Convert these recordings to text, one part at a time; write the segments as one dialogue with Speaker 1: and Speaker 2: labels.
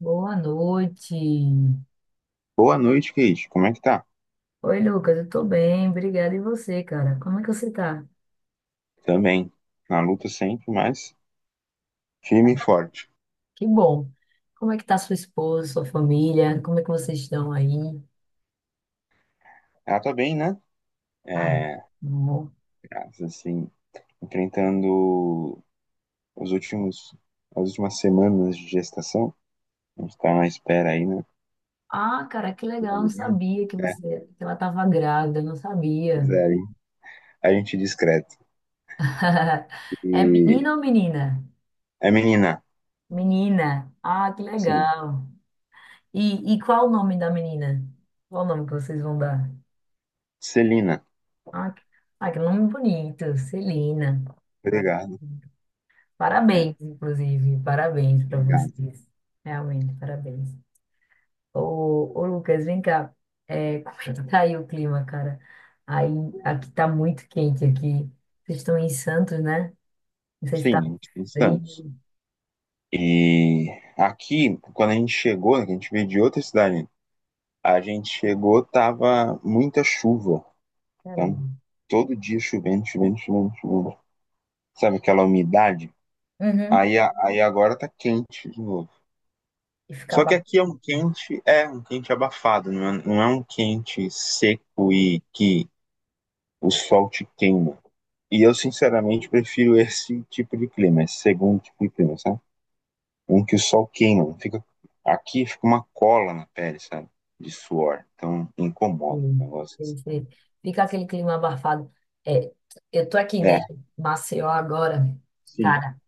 Speaker 1: Boa noite.
Speaker 2: Boa noite, Kate. Como é que tá?
Speaker 1: Oi, Lucas, eu tô bem, obrigada. E você, cara? Como é que você tá?
Speaker 2: Também. Na luta sempre, mas firme e forte.
Speaker 1: Que bom. Como é que tá sua esposa, sua família? Como é que vocês estão aí?
Speaker 2: Ela tá bem, né?
Speaker 1: Ah,
Speaker 2: É,
Speaker 1: bom.
Speaker 2: assim, enfrentando os últimos, as últimas semanas de gestação. A gente tá na espera aí, né?
Speaker 1: Ah, cara, que legal,
Speaker 2: Uma
Speaker 1: eu não
Speaker 2: menina,
Speaker 1: sabia que
Speaker 2: né?
Speaker 1: ela tava grávida, eu não sabia.
Speaker 2: Pois é, aí a gente discreto.
Speaker 1: É
Speaker 2: E
Speaker 1: menina ou menina?
Speaker 2: É menina.
Speaker 1: Menina. Ah, que
Speaker 2: Sim.
Speaker 1: legal. E qual o nome da menina? Qual o nome que vocês vão dar?
Speaker 2: Celina.
Speaker 1: Ah, que, ah, que nome bonito, Celina. Ah,
Speaker 2: Obrigado. É,
Speaker 1: parabéns, inclusive, parabéns para
Speaker 2: obrigado.
Speaker 1: vocês. Realmente, parabéns. Ô Lucas, vem cá. É, como é que tá aí o clima, cara? Aí, Aqui tá muito quente aqui. Vocês estão em Santos, né? Não sei se
Speaker 2: Sim,
Speaker 1: tá
Speaker 2: a gente tem Santos.
Speaker 1: frio.
Speaker 2: E aqui, quando a gente chegou, a gente veio de outra cidade, a gente chegou, tava muita chuva. Então,
Speaker 1: Caramba.
Speaker 2: todo dia chovendo, chovendo, chovendo, chovendo. Sabe aquela umidade?
Speaker 1: Uhum.
Speaker 2: Aí agora tá quente de novo.
Speaker 1: E fica
Speaker 2: Só que
Speaker 1: abafado.
Speaker 2: aqui é um quente abafado, não é, não é um quente seco e que o sol te queima. E eu, sinceramente, prefiro esse tipo de clima, esse segundo tipo de clima, sabe? Um que o sol queima, fica, aqui fica uma cola na pele, sabe? De suor, então incomoda
Speaker 1: Sei,
Speaker 2: o negócio.
Speaker 1: sei, sei. Fica aquele clima abafado. É, eu tô aqui, né,
Speaker 2: É,
Speaker 1: em Maceió agora.
Speaker 2: sim.
Speaker 1: Cara,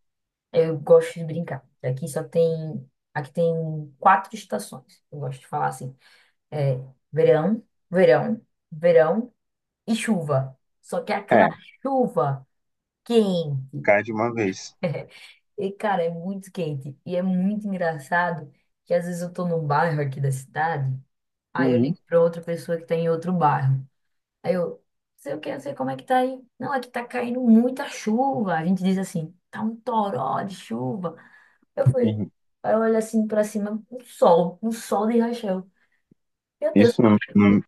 Speaker 1: eu gosto de brincar. Aqui tem quatro estações. Eu gosto de falar assim, é verão, verão, verão e chuva. Só que é aquela
Speaker 2: É,
Speaker 1: chuva quente.
Speaker 2: cai de uma vez.
Speaker 1: E cara, é muito quente e é muito engraçado que às vezes eu tô num bairro aqui da cidade, aí eu
Speaker 2: Uhum.
Speaker 1: ligo pra outra pessoa que tá em outro bairro. Aí eu, sei o que, Não sei como é que tá aí. Não, aqui tá caindo muita chuva. A gente diz assim, tá um toró de chuva. Eu fui.
Speaker 2: Sim.
Speaker 1: Aí eu olho assim pra cima, um sol de rachão. Meu Deus.
Speaker 2: Isso não,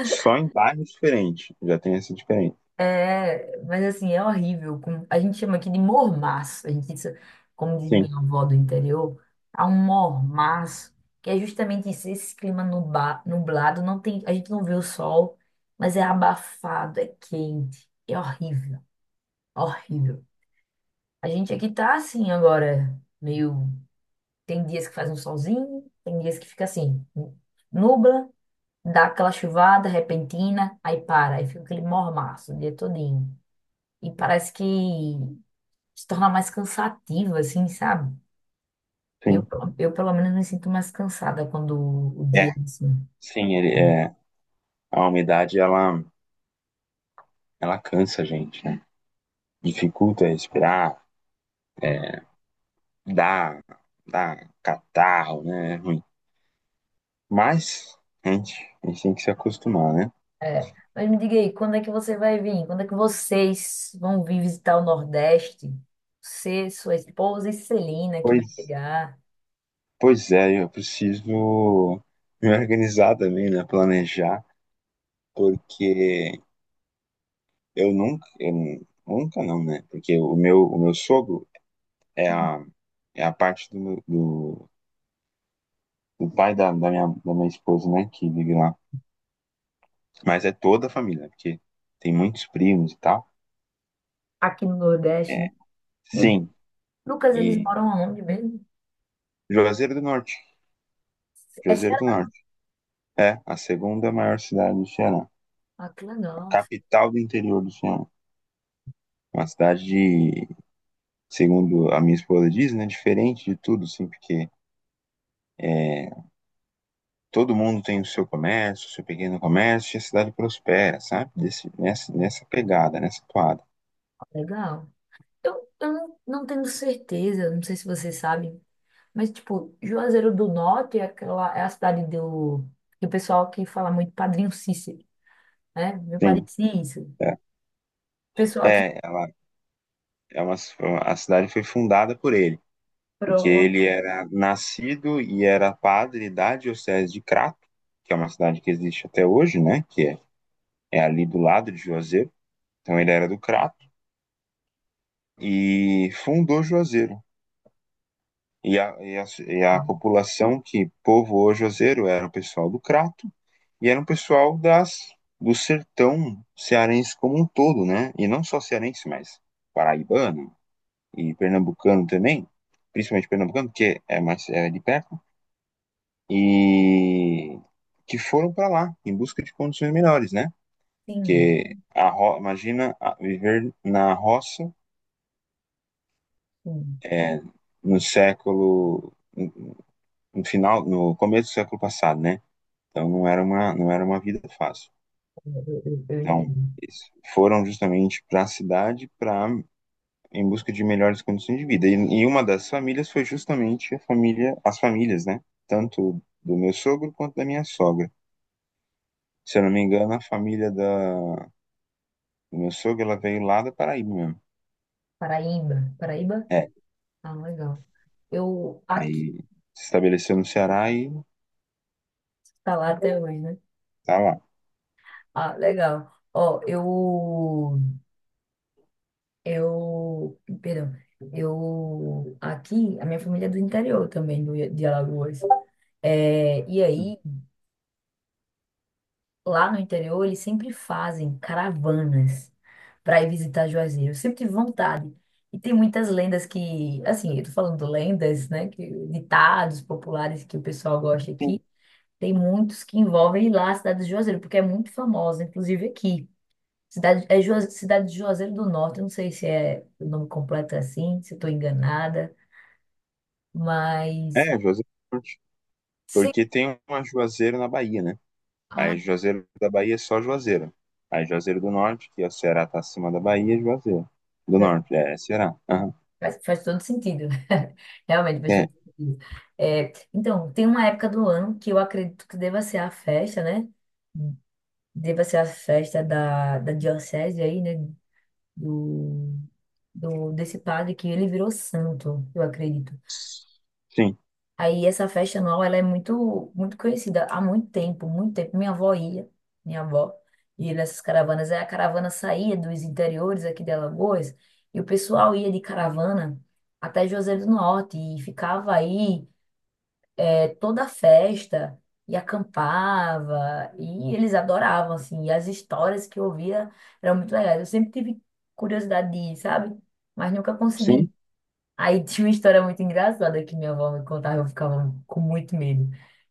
Speaker 2: só em bairros diferentes já tem essa diferença.
Speaker 1: É, mas assim, é horrível. A gente chama aqui de mormaço. Como diz
Speaker 2: Sim,
Speaker 1: minha avó do interior, há um mormaço, que é justamente isso, esse clima nublado, a gente não vê o sol, mas é abafado, é quente, é horrível, horrível. A gente aqui tá assim agora, meio. Tem dias que faz um solzinho, tem dias que fica assim, nubla, dá aquela chuvada repentina, aí para, aí fica aquele mormaço o dia todinho. E parece que se torna mais cansativo, assim, sabe? Eu,
Speaker 2: sim.
Speaker 1: eu pelo menos me sinto mais cansada quando o dia
Speaker 2: É,
Speaker 1: é assim.
Speaker 2: sim, ele, é, a ela cansa a gente, né? Dificulta respirar, é, dá, dá catarro, né? É ruim. Mas, gente, a gente tem que se acostumar, né?
Speaker 1: É. Mas me diga aí, quando é que você vai vir? Quando é que vocês vão vir visitar o Nordeste? Você, sua esposa e Celina, que vai
Speaker 2: Pois,
Speaker 1: chegar
Speaker 2: pois é, eu preciso me organizar também, né? Planejar, porque eu nunca não, né? Porque o meu sogro é a, é a parte do pai da minha esposa, né? Que vive lá. Mas é toda a família, né? porque tem muitos primos e tal.
Speaker 1: aqui no Nordeste,
Speaker 2: É,
Speaker 1: né? E,
Speaker 2: sim.
Speaker 1: Lucas, eles
Speaker 2: E
Speaker 1: moram aonde mesmo?
Speaker 2: Juazeiro do Norte.
Speaker 1: É
Speaker 2: Juazeiro do
Speaker 1: Ceará.
Speaker 2: Norte. É a segunda maior cidade do Ceará.
Speaker 1: Ah, que
Speaker 2: A
Speaker 1: legal.
Speaker 2: capital do interior do Ceará. Uma cidade de, segundo a minha esposa diz, né? Diferente de tudo, assim, porque é, todo mundo tem o seu comércio, o seu pequeno comércio, e a cidade prospera, sabe? Nessa pegada, nessa toada.
Speaker 1: Legal. Eu não, Não tenho certeza, não sei se você sabe, mas, tipo, Juazeiro do Norte é, aquela, é a cidade do pessoal que fala muito Padrinho Cícero, né? Meu padre
Speaker 2: Sim,
Speaker 1: Cícero.
Speaker 2: é.
Speaker 1: Pessoal que...
Speaker 2: É, ela é uma, a cidade foi fundada por ele, porque
Speaker 1: Pronto.
Speaker 2: ele era nascido e era padre da diocese de Crato, que é uma cidade que existe até hoje, né? É ali do lado de Juazeiro. Então ele era do Crato e fundou Juazeiro. E a, e a, e a população que povoou Juazeiro era o pessoal do Crato, e era um pessoal do sertão cearense como um todo, né? E não só cearense, mas paraibano e pernambucano também, principalmente pernambucano, porque é mais é de perto, e que foram para lá em busca de condições melhores, né?
Speaker 1: Sim,
Speaker 2: Porque a ro... imagina viver na roça
Speaker 1: sim,
Speaker 2: é, no século no final, no começo do século passado, né? Então não era uma vida fácil.
Speaker 1: eu entendo.
Speaker 2: Então eles foram justamente para a cidade para em busca de melhores condições de vida. E uma das famílias foi justamente as famílias, né? Tanto do meu sogro quanto da minha sogra. Se eu não me engano, do meu sogro, ela veio lá da Paraíba mesmo.
Speaker 1: Paraíba, Paraíba?
Speaker 2: É,
Speaker 1: Ah, legal. Eu, aqui,
Speaker 2: aí se estabeleceu no Ceará e
Speaker 1: tá lá até hoje, né?
Speaker 2: tá lá.
Speaker 1: Ah, legal. Ó, eu... Eu, perdão, eu aqui, a minha família é do interior também, de Alagoas. É, e aí, lá no interior, eles sempre fazem caravanas para ir visitar Juazeiro. Eu sempre tive vontade. E tem muitas lendas que, assim, eu tô falando lendas, né, que, ditados populares que o pessoal gosta
Speaker 2: Sim.
Speaker 1: aqui. Tem muitos que envolvem ir lá a cidade de Juazeiro, porque é muito famosa, inclusive aqui. Cidade de Juazeiro do Norte, eu não sei se é o nome completo é assim, se estou enganada, mas
Speaker 2: É, Juazeiro do Norte.
Speaker 1: sim,
Speaker 2: Porque tem uma Juazeiro na Bahia, né?
Speaker 1: ah,
Speaker 2: Aí Juazeiro da Bahia é só Juazeiro. Aí Juazeiro do Norte, que é o Ceará tá acima da Bahia, é Juazeiro. Do Norte, é, é Ceará. Aham.
Speaker 1: faz, faz todo sentido. Realmente faz
Speaker 2: É.
Speaker 1: todo sentido. É, então, tem uma época do ano que eu acredito que deva ser a festa, né? Deva ser a festa da diocese aí, né? Do, Desse padre que ele virou santo, eu acredito.
Speaker 2: Sim.
Speaker 1: Aí essa festa anual, ela é muito, muito conhecida há muito tempo, muito tempo. Minha avó ia nessas caravanas. Aí a caravana saía dos interiores aqui de Alagoas e o pessoal ia de caravana até Juazeiro do Norte e ficava aí toda a festa e acampava e eles adoravam, assim. E as histórias que eu ouvia eram muito legais. Eu sempre tive curiosidade de ir, sabe? Mas nunca
Speaker 2: Sim.
Speaker 1: consegui. Aí tinha uma história muito engraçada que minha avó me contava, eu ficava com muito medo.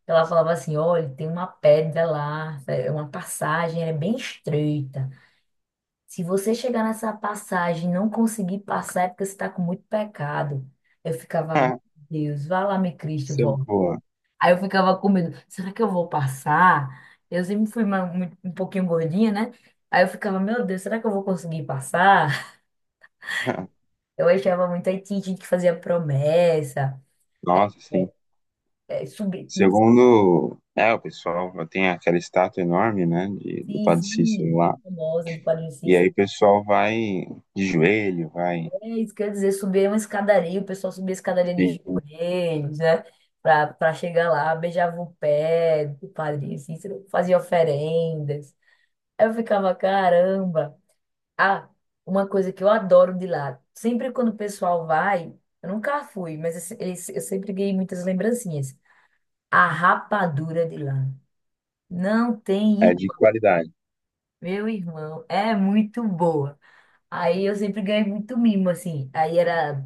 Speaker 1: Ela falava assim: olha, tem uma pedra lá, é uma passagem, ela é bem estreita. Se você chegar nessa passagem e não conseguir passar, é porque você está com muito pecado. Eu ficava, meu
Speaker 2: Ah,
Speaker 1: Deus, vai lá, meu Cristo,
Speaker 2: isso é
Speaker 1: vó.
Speaker 2: boa.
Speaker 1: Aí eu ficava com medo: será que eu vou passar? Eu sempre fui um pouquinho gordinha, né? Aí eu ficava, meu Deus, será que eu vou conseguir passar? Eu achava muito. Aí tinha gente que fazia promessa.
Speaker 2: Nossa, sim.
Speaker 1: É, subir.
Speaker 2: Segundo, é, o pessoal tem aquela estátua enorme, né, de, do
Speaker 1: Sim,
Speaker 2: Padre Cícero
Speaker 1: sim.
Speaker 2: lá.
Speaker 1: Famosa do Padre
Speaker 2: E aí
Speaker 1: Cícero.
Speaker 2: o pessoal vai de joelho, vai.
Speaker 1: É isso, quer dizer, subir uma escadaria, o pessoal subia a escadaria de
Speaker 2: Sim.
Speaker 1: joelhos, né? Pra chegar lá, beijava o pé do Padre Cícero, fazia oferendas. Eu ficava, caramba. Ah, uma coisa que eu adoro de lá, sempre quando o pessoal vai, eu nunca fui, mas eu, se- eu sempre ganhei muitas lembrancinhas. A rapadura de lá. Não tem
Speaker 2: É de
Speaker 1: igual.
Speaker 2: qualidade.
Speaker 1: Meu irmão, é muito boa. Aí eu sempre ganhei muito mimo, assim.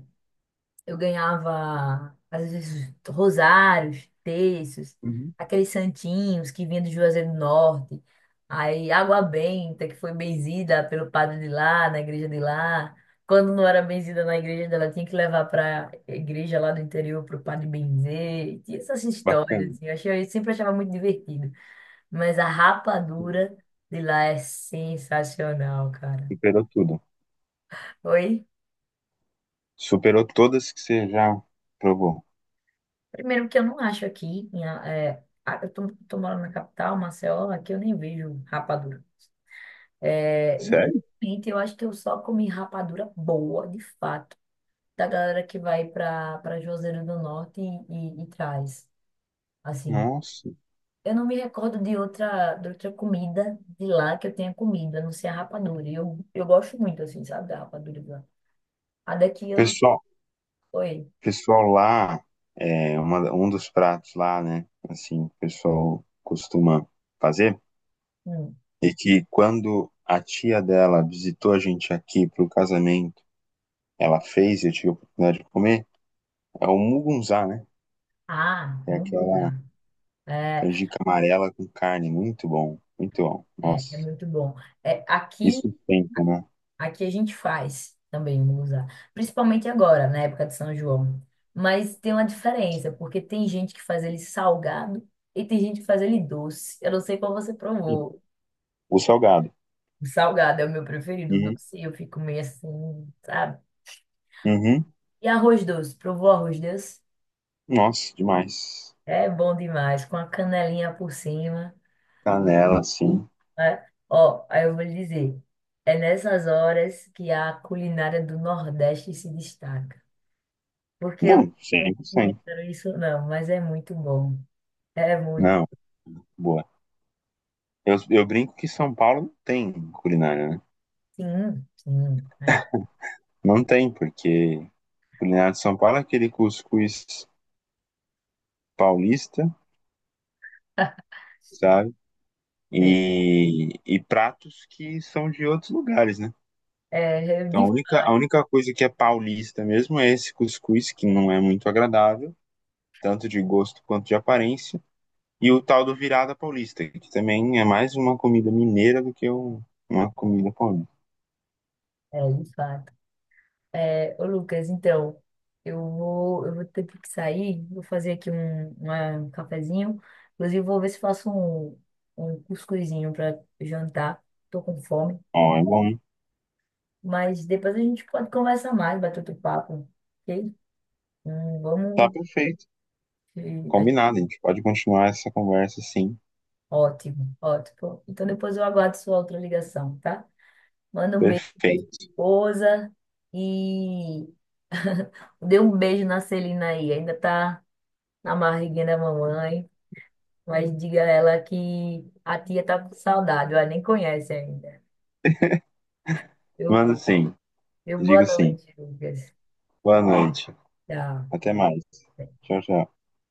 Speaker 1: Eu ganhava, às vezes, rosários, terços,
Speaker 2: Uhum.
Speaker 1: aqueles santinhos que vinham do Juazeiro do Norte. Aí água benta, que foi benzida pelo padre de lá, na igreja de lá. Quando não era benzida na igreja dela, tinha que levar para igreja lá do interior para o padre benzer. E tinha essas
Speaker 2: Bacana.
Speaker 1: histórias, assim. Eu achei, eu sempre achava muito divertido. Mas a rapadura de lá é sensacional, cara.
Speaker 2: Superou tudo.
Speaker 1: Oi?
Speaker 2: Superou todas que você já provou.
Speaker 1: Primeiro que eu não acho aqui, eu tô morando na capital, Maceió, aqui eu nem vejo rapadura. É, e,
Speaker 2: Sério?
Speaker 1: gente, eu acho que eu só comi rapadura boa, de fato, da galera que vai para Juazeiro do Norte e traz. Assim,
Speaker 2: Nossa.
Speaker 1: eu não me recordo de outra comida de lá que eu tenha comido, a não ser a rapadura. E eu gosto muito, assim, sabe, da rapadura de lá. A daqui eu...
Speaker 2: Pessoal,
Speaker 1: Oi.
Speaker 2: pessoal lá, um dos pratos lá, né, assim, o pessoal costuma fazer.
Speaker 1: Hum.
Speaker 2: E que quando a tia dela visitou a gente aqui pro casamento, ela fez e eu tive a oportunidade de comer, é o mugunzá, né?
Speaker 1: Ah,
Speaker 2: É
Speaker 1: hum,
Speaker 2: aquela
Speaker 1: é,
Speaker 2: canjica amarela com carne, muito bom, muito bom. Nossa,
Speaker 1: É muito bom. É,
Speaker 2: isso
Speaker 1: aqui...
Speaker 2: sustenta, né?
Speaker 1: Aqui a gente faz também musa, principalmente agora, na época de São João. Mas tem uma diferença, porque tem gente que faz ele salgado e tem gente que faz ele doce. Eu não sei qual você
Speaker 2: Sim.
Speaker 1: provou.
Speaker 2: O salgado.
Speaker 1: O salgado é o meu preferido, o
Speaker 2: Uhum.
Speaker 1: doce eu fico meio assim, sabe?
Speaker 2: Uhum.
Speaker 1: E arroz doce, provou arroz doce?
Speaker 2: Nossa, demais.
Speaker 1: É bom demais, com a canelinha por cima,
Speaker 2: Canela, sim.
Speaker 1: né? Ó, aí eu vou lhe dizer, é nessas horas que a culinária do Nordeste se destaca. Porque eu
Speaker 2: Não,
Speaker 1: não
Speaker 2: 100%.
Speaker 1: inventaram isso, não, mas é muito bom. É muito.
Speaker 2: Não, boa. Eu brinco que São Paulo não tem culinária, né?
Speaker 1: Sim, sim. Aí.
Speaker 2: Não tem, porque culinária de São Paulo é aquele cuscuz paulista, sabe?
Speaker 1: Sim.
Speaker 2: E pratos que são de outros lugares, né?
Speaker 1: É,
Speaker 2: Então,
Speaker 1: de
Speaker 2: a
Speaker 1: fato,
Speaker 2: única coisa que é paulista mesmo é esse cuscuz, que não é muito agradável, tanto de gosto quanto de aparência, e o tal do virada paulista, que também é mais uma comida mineira do que uma comida paulista.
Speaker 1: é, de fato. É, ô Lucas, então, eu vou ter que sair, vou fazer aqui um cafezinho. Inclusive, vou ver se faço um cuscuzinho para jantar. Tô com fome.
Speaker 2: Ó, é bom.
Speaker 1: Mas depois a gente pode conversar mais, bater outro papo, ok?
Speaker 2: Tá
Speaker 1: Vamos.
Speaker 2: perfeito.
Speaker 1: eh,
Speaker 2: Combinado, a gente pode continuar essa conversa, sim.
Speaker 1: Ótimo, ótimo. Então depois eu aguardo sua outra ligação, tá? Manda um beijo pra sua
Speaker 2: Perfeito.
Speaker 1: esposa e dê um beijo na Celina aí. Ainda tá na barriguinha da mamãe, mas diga a ela que a tia tá com saudade, ela nem conhece ainda. Eu,
Speaker 2: Mando sim.
Speaker 1: eu boa
Speaker 2: Digo sim.
Speaker 1: noite, Lucas.
Speaker 2: Boa noite.
Speaker 1: Tchau.
Speaker 2: Até mais. Tchau, tchau.